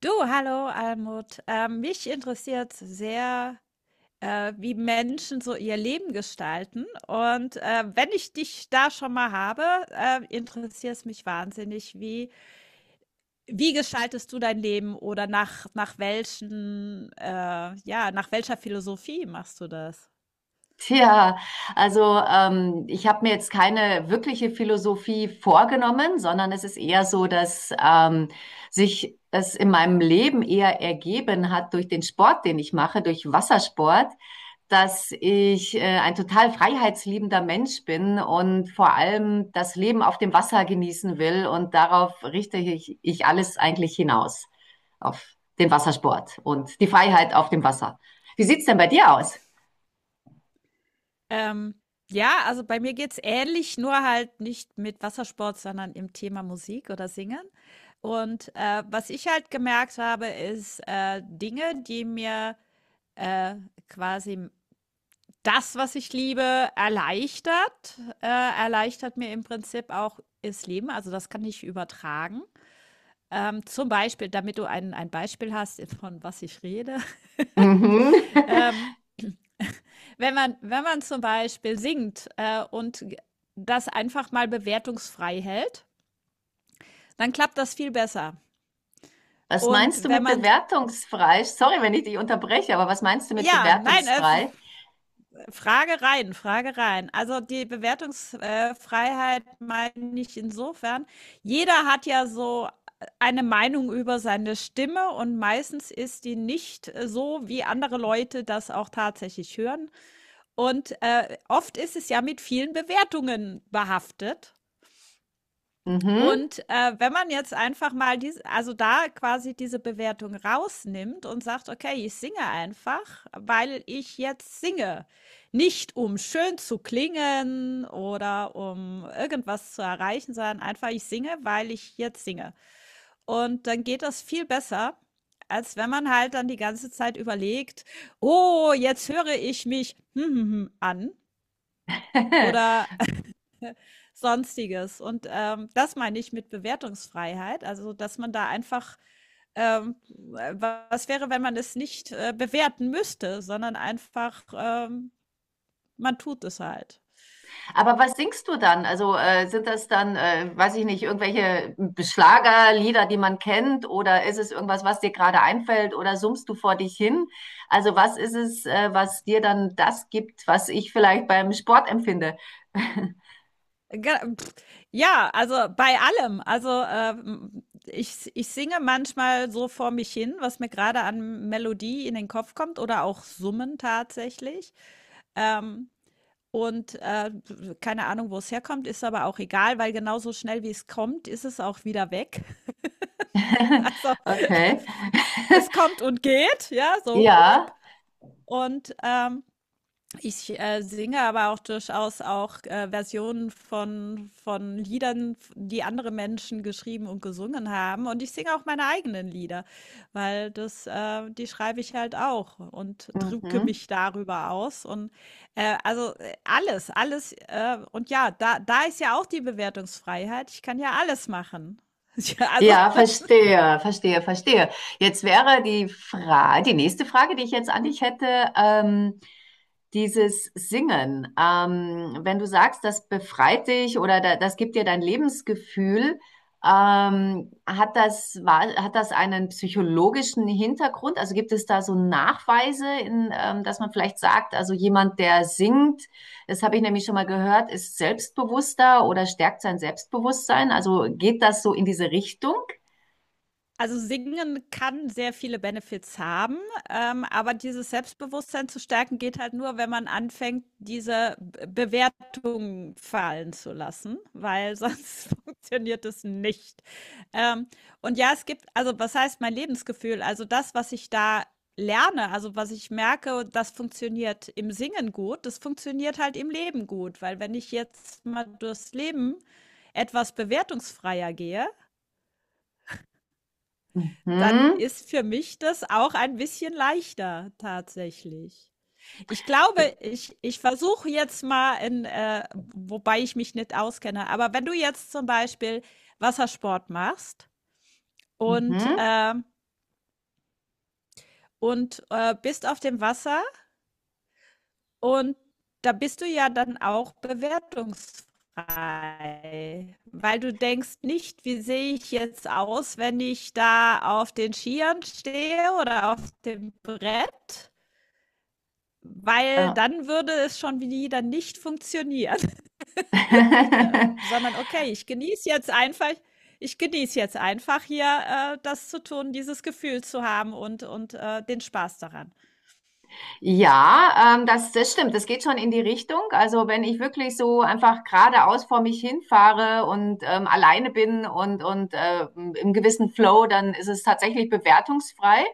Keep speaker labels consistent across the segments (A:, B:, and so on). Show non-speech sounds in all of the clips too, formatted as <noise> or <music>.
A: Du, hallo Almut. Mich interessiert sehr, wie Menschen so ihr Leben gestalten. Und wenn ich dich da schon mal habe, interessiert es mich wahnsinnig, wie gestaltest du dein Leben oder nach welchen, ja, nach welcher Philosophie machst du das?
B: <laughs> Tja, ich habe mir jetzt keine wirkliche Philosophie vorgenommen, sondern es ist eher so, dass sich es in meinem Leben eher ergeben hat durch den Sport, den ich mache, durch Wassersport, dass ich ein total freiheitsliebender Mensch bin und vor allem das Leben auf dem Wasser genießen will und darauf richte ich alles eigentlich hinaus, auf den Wassersport und die Freiheit auf dem Wasser. Wie sieht's denn bei dir aus?
A: Ähm, ja, also bei mir geht's ähnlich, nur halt nicht mit Wassersport, sondern im Thema Musik oder Singen. Und, was ich halt gemerkt habe, ist, Dinge, die mir, äh, quasi das, was ich liebe, erleichtert mir im Prinzip auch das Leben. Also, das kann ich übertragen. Zum Beispiel, damit du ein Beispiel hast, <laughs> von was ich rede,
B: Mhm.
A: <laughs>
B: <laughs>
A: ähm wenn man zum Beispiel singt, und g das einfach mal bewertungsfrei hält, dann klappt das viel besser.
B: Was meinst du
A: Und wenn
B: mit
A: man
B: bewertungsfrei? Sorry, wenn ich dich unterbreche, aber was meinst du mit
A: ja, nein, F
B: bewertungsfrei?
A: Frage rein, Frage rein. Also, die Bewertungsfreiheit meine ich insofern, jeder hat ja so eine Meinung über seine Stimme und meistens ist die nicht, so, wie andere Leute das auch tatsächlich hören. Und, oft ist es ja mit vielen Bewertungen behaftet.
B: Mhm.
A: Und, wenn man jetzt einfach mal diese, also, da quasi diese Bewertung rausnimmt und sagt: „Okay, ich singe einfach, weil ich jetzt singe, nicht um schön zu klingen oder um irgendwas zu erreichen, sondern einfach ich singe, weil ich jetzt singe.“ Und dann geht das viel besser, als wenn man halt dann die ganze Zeit überlegt: „Oh, jetzt höre ich mich hm hm hm an“
B: <laughs>
A: oder Sonstiges. Und das meine ich mit Bewertungsfreiheit, also dass man da einfach, was wäre, wenn man es nicht bewerten müsste, sondern einfach, man tut es halt.
B: Aber was singst du dann? Also sind das dann, weiß ich nicht, irgendwelche Schlagerlieder, die man kennt, oder ist es irgendwas, was dir gerade einfällt, oder summst du vor dich hin? Also was ist es, was dir dann das gibt, was ich vielleicht beim Sport empfinde?
A: Ge- Ja, also bei allem. Also ich singe manchmal so vor mich hin, was mir gerade an Melodie in den Kopf kommt oder auch summen tatsächlich. Ähm, Und keine Ahnung, wo es herkommt, ist aber auch egal, weil genauso schnell, wie es kommt, ist es auch wieder weg. <laughs>
B: <laughs>
A: Also,
B: Okay. <laughs>
A: es kommt und geht, ja, so.
B: Ja.
A: Und, ähm Ich, singe aber auch durchaus auch, Versionen von Liedern, die andere Menschen geschrieben und gesungen haben und ich singe auch meine eigenen Lieder, weil das die schreibe ich halt auch und drücke
B: Mhm.
A: mich darüber aus und, alles, und ja, da ist ja auch die Bewertungsfreiheit. Ich kann ja alles machen. <laughs> Ja,
B: Ja, verstehe, verstehe, verstehe. Jetzt wäre die Frage, die nächste Frage, die ich jetzt an dich hätte, ähm, dieses Singen. Wenn du sagst, das befreit dich das gibt dir dein Lebensgefühl, ähm, hat das einen psychologischen Hintergrund? Also gibt es da so Nachweise, dass man vielleicht sagt, also jemand, der singt, das habe ich nämlich schon mal gehört, ist selbstbewusster oder stärkt sein Selbstbewusstsein? Also geht das so in diese Richtung?
A: also Singen kann sehr viele Benefits haben, aber dieses Selbstbewusstsein zu stärken geht halt nur, wenn man anfängt, Bewertungen fallen zu lassen, weil sonst <laughs> funktioniert es nicht. Ähm, und ja, es gibt, also was heißt mein Lebensgefühl? Also das, was ich da lerne, also was ich merke, das funktioniert im Singen gut, das funktioniert halt im Leben gut, weil wenn ich jetzt mal durchs Leben etwas bewertungsfreier gehe, dann
B: Mhm.
A: ist für mich das auch ein bisschen leichter tatsächlich. Ich glaube, ich versuche jetzt mal in wobei ich mich nicht auskenne, aber wenn du jetzt zum Beispiel Wassersport machst und,
B: Mhm.
A: ähm und, bist auf dem Wasser und da bist du ja dann auch bewertungsfrei, weil du denkst nicht: „Wie sehe ich jetzt aus, wenn ich da auf den Skiern stehe oder auf dem Brett?“ Weil
B: Ja.
A: dann würde es schon wieder nicht funktionieren, <laughs> ne?
B: <laughs>
A: Sondern: „Okay, ich genieße jetzt einfach ich genieße jetzt einfach hier, das zu tun, dieses Gefühl zu haben und den Spaß daran.“
B: Ja, das stimmt. Das geht schon in die Richtung. Also wenn ich wirklich so einfach geradeaus vor mich hinfahre und alleine bin und im gewissen Flow, dann ist es tatsächlich bewertungsfrei.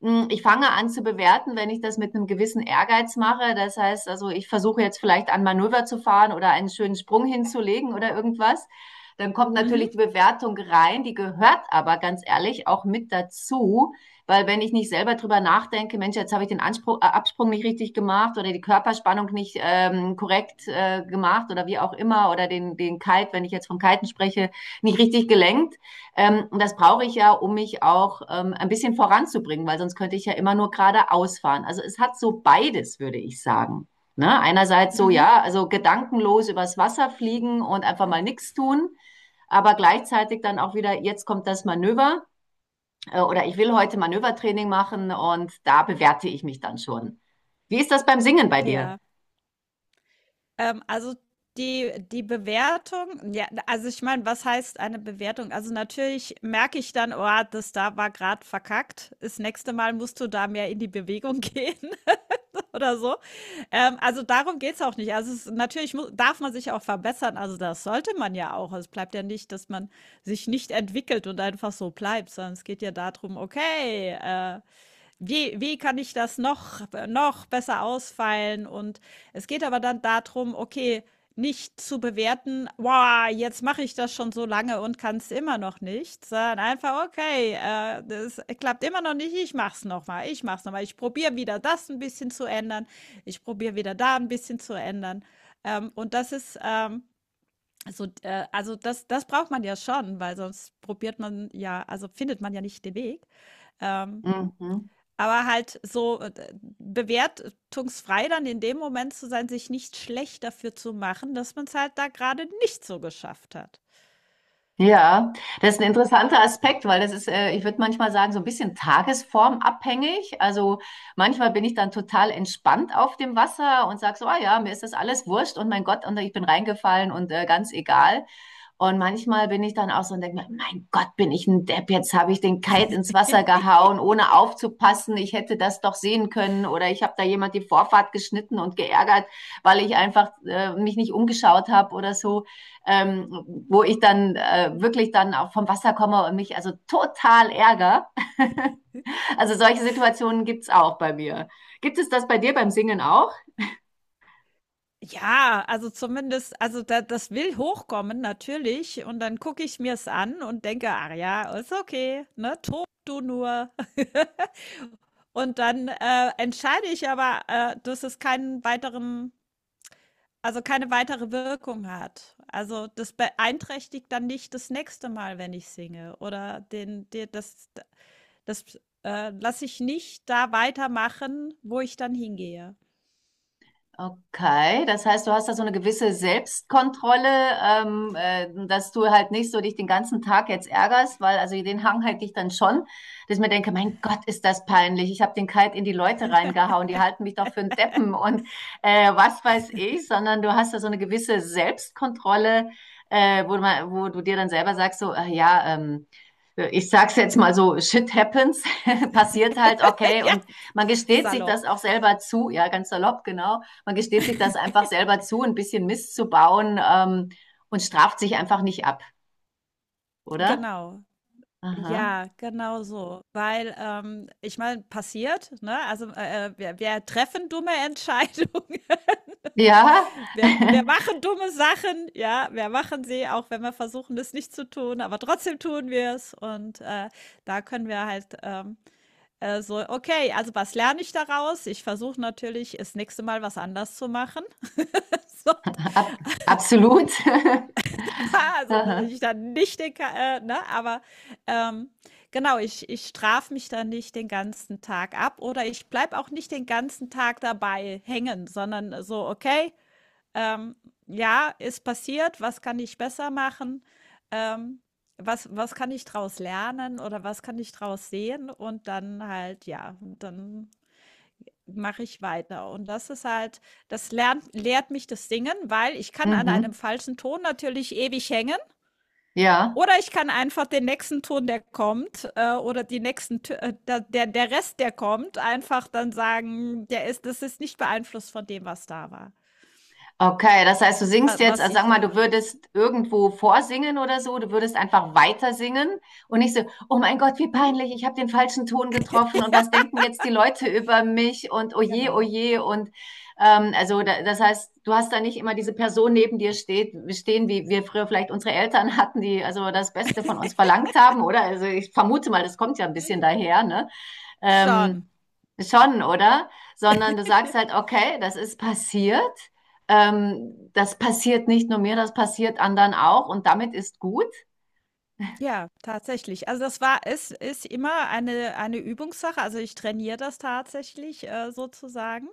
B: Ich fange an zu bewerten, wenn ich das mit einem gewissen Ehrgeiz mache. Das heißt, also ich versuche jetzt vielleicht ein Manöver zu fahren oder einen schönen Sprung hinzulegen oder irgendwas. Dann kommt
A: Mhm,
B: natürlich die Bewertung rein, die gehört aber ganz ehrlich auch mit dazu, weil wenn ich nicht selber drüber nachdenke, Mensch, jetzt habe ich den Anspruch, Absprung nicht richtig gemacht oder die Körperspannung nicht korrekt gemacht oder wie auch immer oder den Kite, wenn ich jetzt vom Kiten spreche, nicht richtig gelenkt. Und das brauche ich ja, um mich auch ein bisschen voranzubringen, weil sonst könnte ich ja immer nur geradeaus fahren. Also es hat so beides, würde ich sagen. Ne? Einerseits so,
A: mhm,
B: ja, also gedankenlos übers Wasser fliegen und einfach mal nichts tun, aber gleichzeitig dann auch wieder, jetzt kommt das Manöver oder ich will heute Manövertraining machen und da bewerte ich mich dann schon. Wie ist das beim Singen bei dir?
A: ja. Also, die Bewertung ja, also, ich meine, was heißt eine Bewertung? Also, natürlich merke ich dann: „Oh, das da war gerade verkackt. Das nächste Mal musst du da mehr in die Bewegung <laughs> gehen.“ <laughs> oder so. Also darum geht es auch nicht. Natürlich muss, darf man sich auch verbessern. Also das sollte man ja auch. Es bleibt ja nicht, dass man sich nicht entwickelt und einfach so bleibt, sondern es geht ja darum, okay, wie kann ich das noch besser ausfeilen? Und es geht aber dann darum, okay, nicht zu bewerten: „Wow, jetzt mache ich das schon so lange und kann es immer noch nicht“, sondern einfach: „Okay, das klappt immer noch nicht, ich mache es noch mal. Ich mache es noch mal. Ich probiere wieder das ein bisschen zu ändern. Ich probiere wieder da ein bisschen zu ändern.“ und das ist, so also das braucht man ja schon, weil sonst probiert man ja also findet man ja nicht den Weg. Ähm
B: Mhm.
A: aber halt so, bewertungsfrei dann in dem Moment zu sein, sich nicht schlecht dafür zu machen, dass man es halt da gerade nicht so geschafft hat.
B: Ja, das ist ein interessanter Aspekt, weil das ist, ich würde manchmal sagen, so ein bisschen tagesformabhängig. Also manchmal bin ich dann total entspannt auf dem Wasser und sage so, ah ja, mir ist das alles wurscht und mein Gott, und ich bin reingefallen und ganz egal. Und manchmal bin ich dann auch so und denke mir, mein Gott, bin ich ein Depp, jetzt habe ich den Kite ins Wasser gehauen, ohne aufzupassen. Ich hätte das doch sehen können oder ich habe da jemand die Vorfahrt geschnitten und geärgert, weil ich einfach mich nicht umgeschaut habe oder so, wo ich dann wirklich dann auch vom Wasser komme und mich also total ärgere. <laughs> Also solche Situationen gibt's auch bei mir. Gibt es das bei dir beim Singen auch?
A: Ja, also zumindest also da das will hochkommen natürlich und dann gucke ich mir es an und denke: „Ach ja, ist okay, ne? Tob du nur.“ <laughs> Und dann, entscheide ich aber, dass es keinen weiteren Also, keine weitere Wirkung hat. Also, das beeinträchtigt dann nicht das nächste Mal, wenn ich singe oder den de das das, lasse ich nicht da weitermachen, wo ich dann hingehe.
B: Okay, das heißt, du hast da so eine gewisse Selbstkontrolle, dass du halt nicht so dich den ganzen Tag jetzt ärgerst, weil also den Hang hätte ich dann schon, dass ich mir denke, mein Gott, ist das peinlich. Ich habe den Kalt in die Leute reingehauen, die halten mich doch für einen Deppen und was weiß ich, sondern du hast da so eine gewisse Selbstkontrolle, wo du dir dann selber sagst, so, ich sag's jetzt mal so, shit happens, <laughs> passiert halt,
A: <laughs>
B: okay,
A: Ja,
B: und man gesteht sich
A: salopp.
B: das auch selber zu, ja, ganz salopp, genau, man gesteht sich das einfach selber zu, ein bisschen Mist zu bauen und straft sich einfach nicht ab, oder?
A: Genau.
B: Aha.
A: Ja, genau so. Weil, ich meine, passiert, ne? Also, wir treffen dumme <laughs> Entscheidungen.
B: Ja, <laughs>
A: Wir machen dumme Sachen, ja, wir machen sie, auch wenn wir versuchen, das nicht zu tun, aber trotzdem tun wir es. Und da können wir halt so, okay, also was lerne ich daraus? Ich versuche natürlich, das nächste Mal was anders zu machen. <laughs> so,
B: ab, absolut. <laughs>
A: also, dass
B: Aha.
A: ich dann nicht den, Ka- ne, aber ähm, genau, ich strafe mich dann nicht den ganzen Tag ab oder ich bleibe auch nicht den ganzen Tag dabei hängen, sondern so, okay, Ähm, ja, ist passiert, was kann ich besser machen? Ähm, was kann ich draus lernen oder was kann ich draus sehen? Und dann halt, ja, dann mache ich weiter. Und das ist halt, lehrt mich das Singen, weil ich kann an einem
B: Mhm.
A: falschen Ton natürlich ewig hängen.
B: Ja.
A: Oder ich kann einfach den nächsten Ton, der kommt, oder die nächsten, der Rest, der kommt, einfach dann sagen, der ist, das ist nicht beeinflusst von dem, was da war,
B: Okay, das heißt, du
A: wa-
B: singst jetzt,
A: was
B: also
A: ich
B: sag mal,
A: da.
B: du würdest irgendwo vorsingen oder so, du würdest einfach weiter singen und nicht so, oh mein Gott, wie
A: Mhm,
B: peinlich, ich habe den falschen Ton getroffen und was denken jetzt die Leute über mich und oh
A: genau.
B: je und also da, das heißt, du hast da nicht immer diese Person neben dir stehen, wie wir früher vielleicht unsere Eltern hatten, die also das Beste von uns verlangt haben, oder? Also ich vermute mal, das kommt ja ein bisschen
A: Mhm,
B: daher, ne?
A: schon.
B: Ähm, schon, oder? Sondern du
A: Ja.
B: sagst halt, okay, das ist passiert das passiert nicht nur mir, das passiert anderen auch und damit ist gut.
A: Ja, tatsächlich. Also das war es ist immer eine Übungssache. Also, ich trainiere das tatsächlich, sozusagen.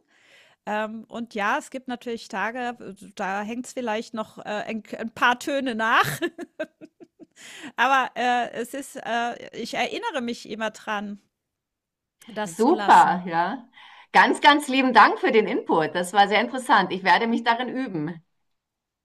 A: Und ja, es gibt natürlich Tage, w da hängt's vielleicht noch, ein k paar Töne nach, <laughs> aber, es ist ich erinnere mich immer dran, das zu
B: Super,
A: lassen.
B: ja. Ganz, ganz lieben Dank für den Input. Das war sehr interessant. Ich werde mich darin üben.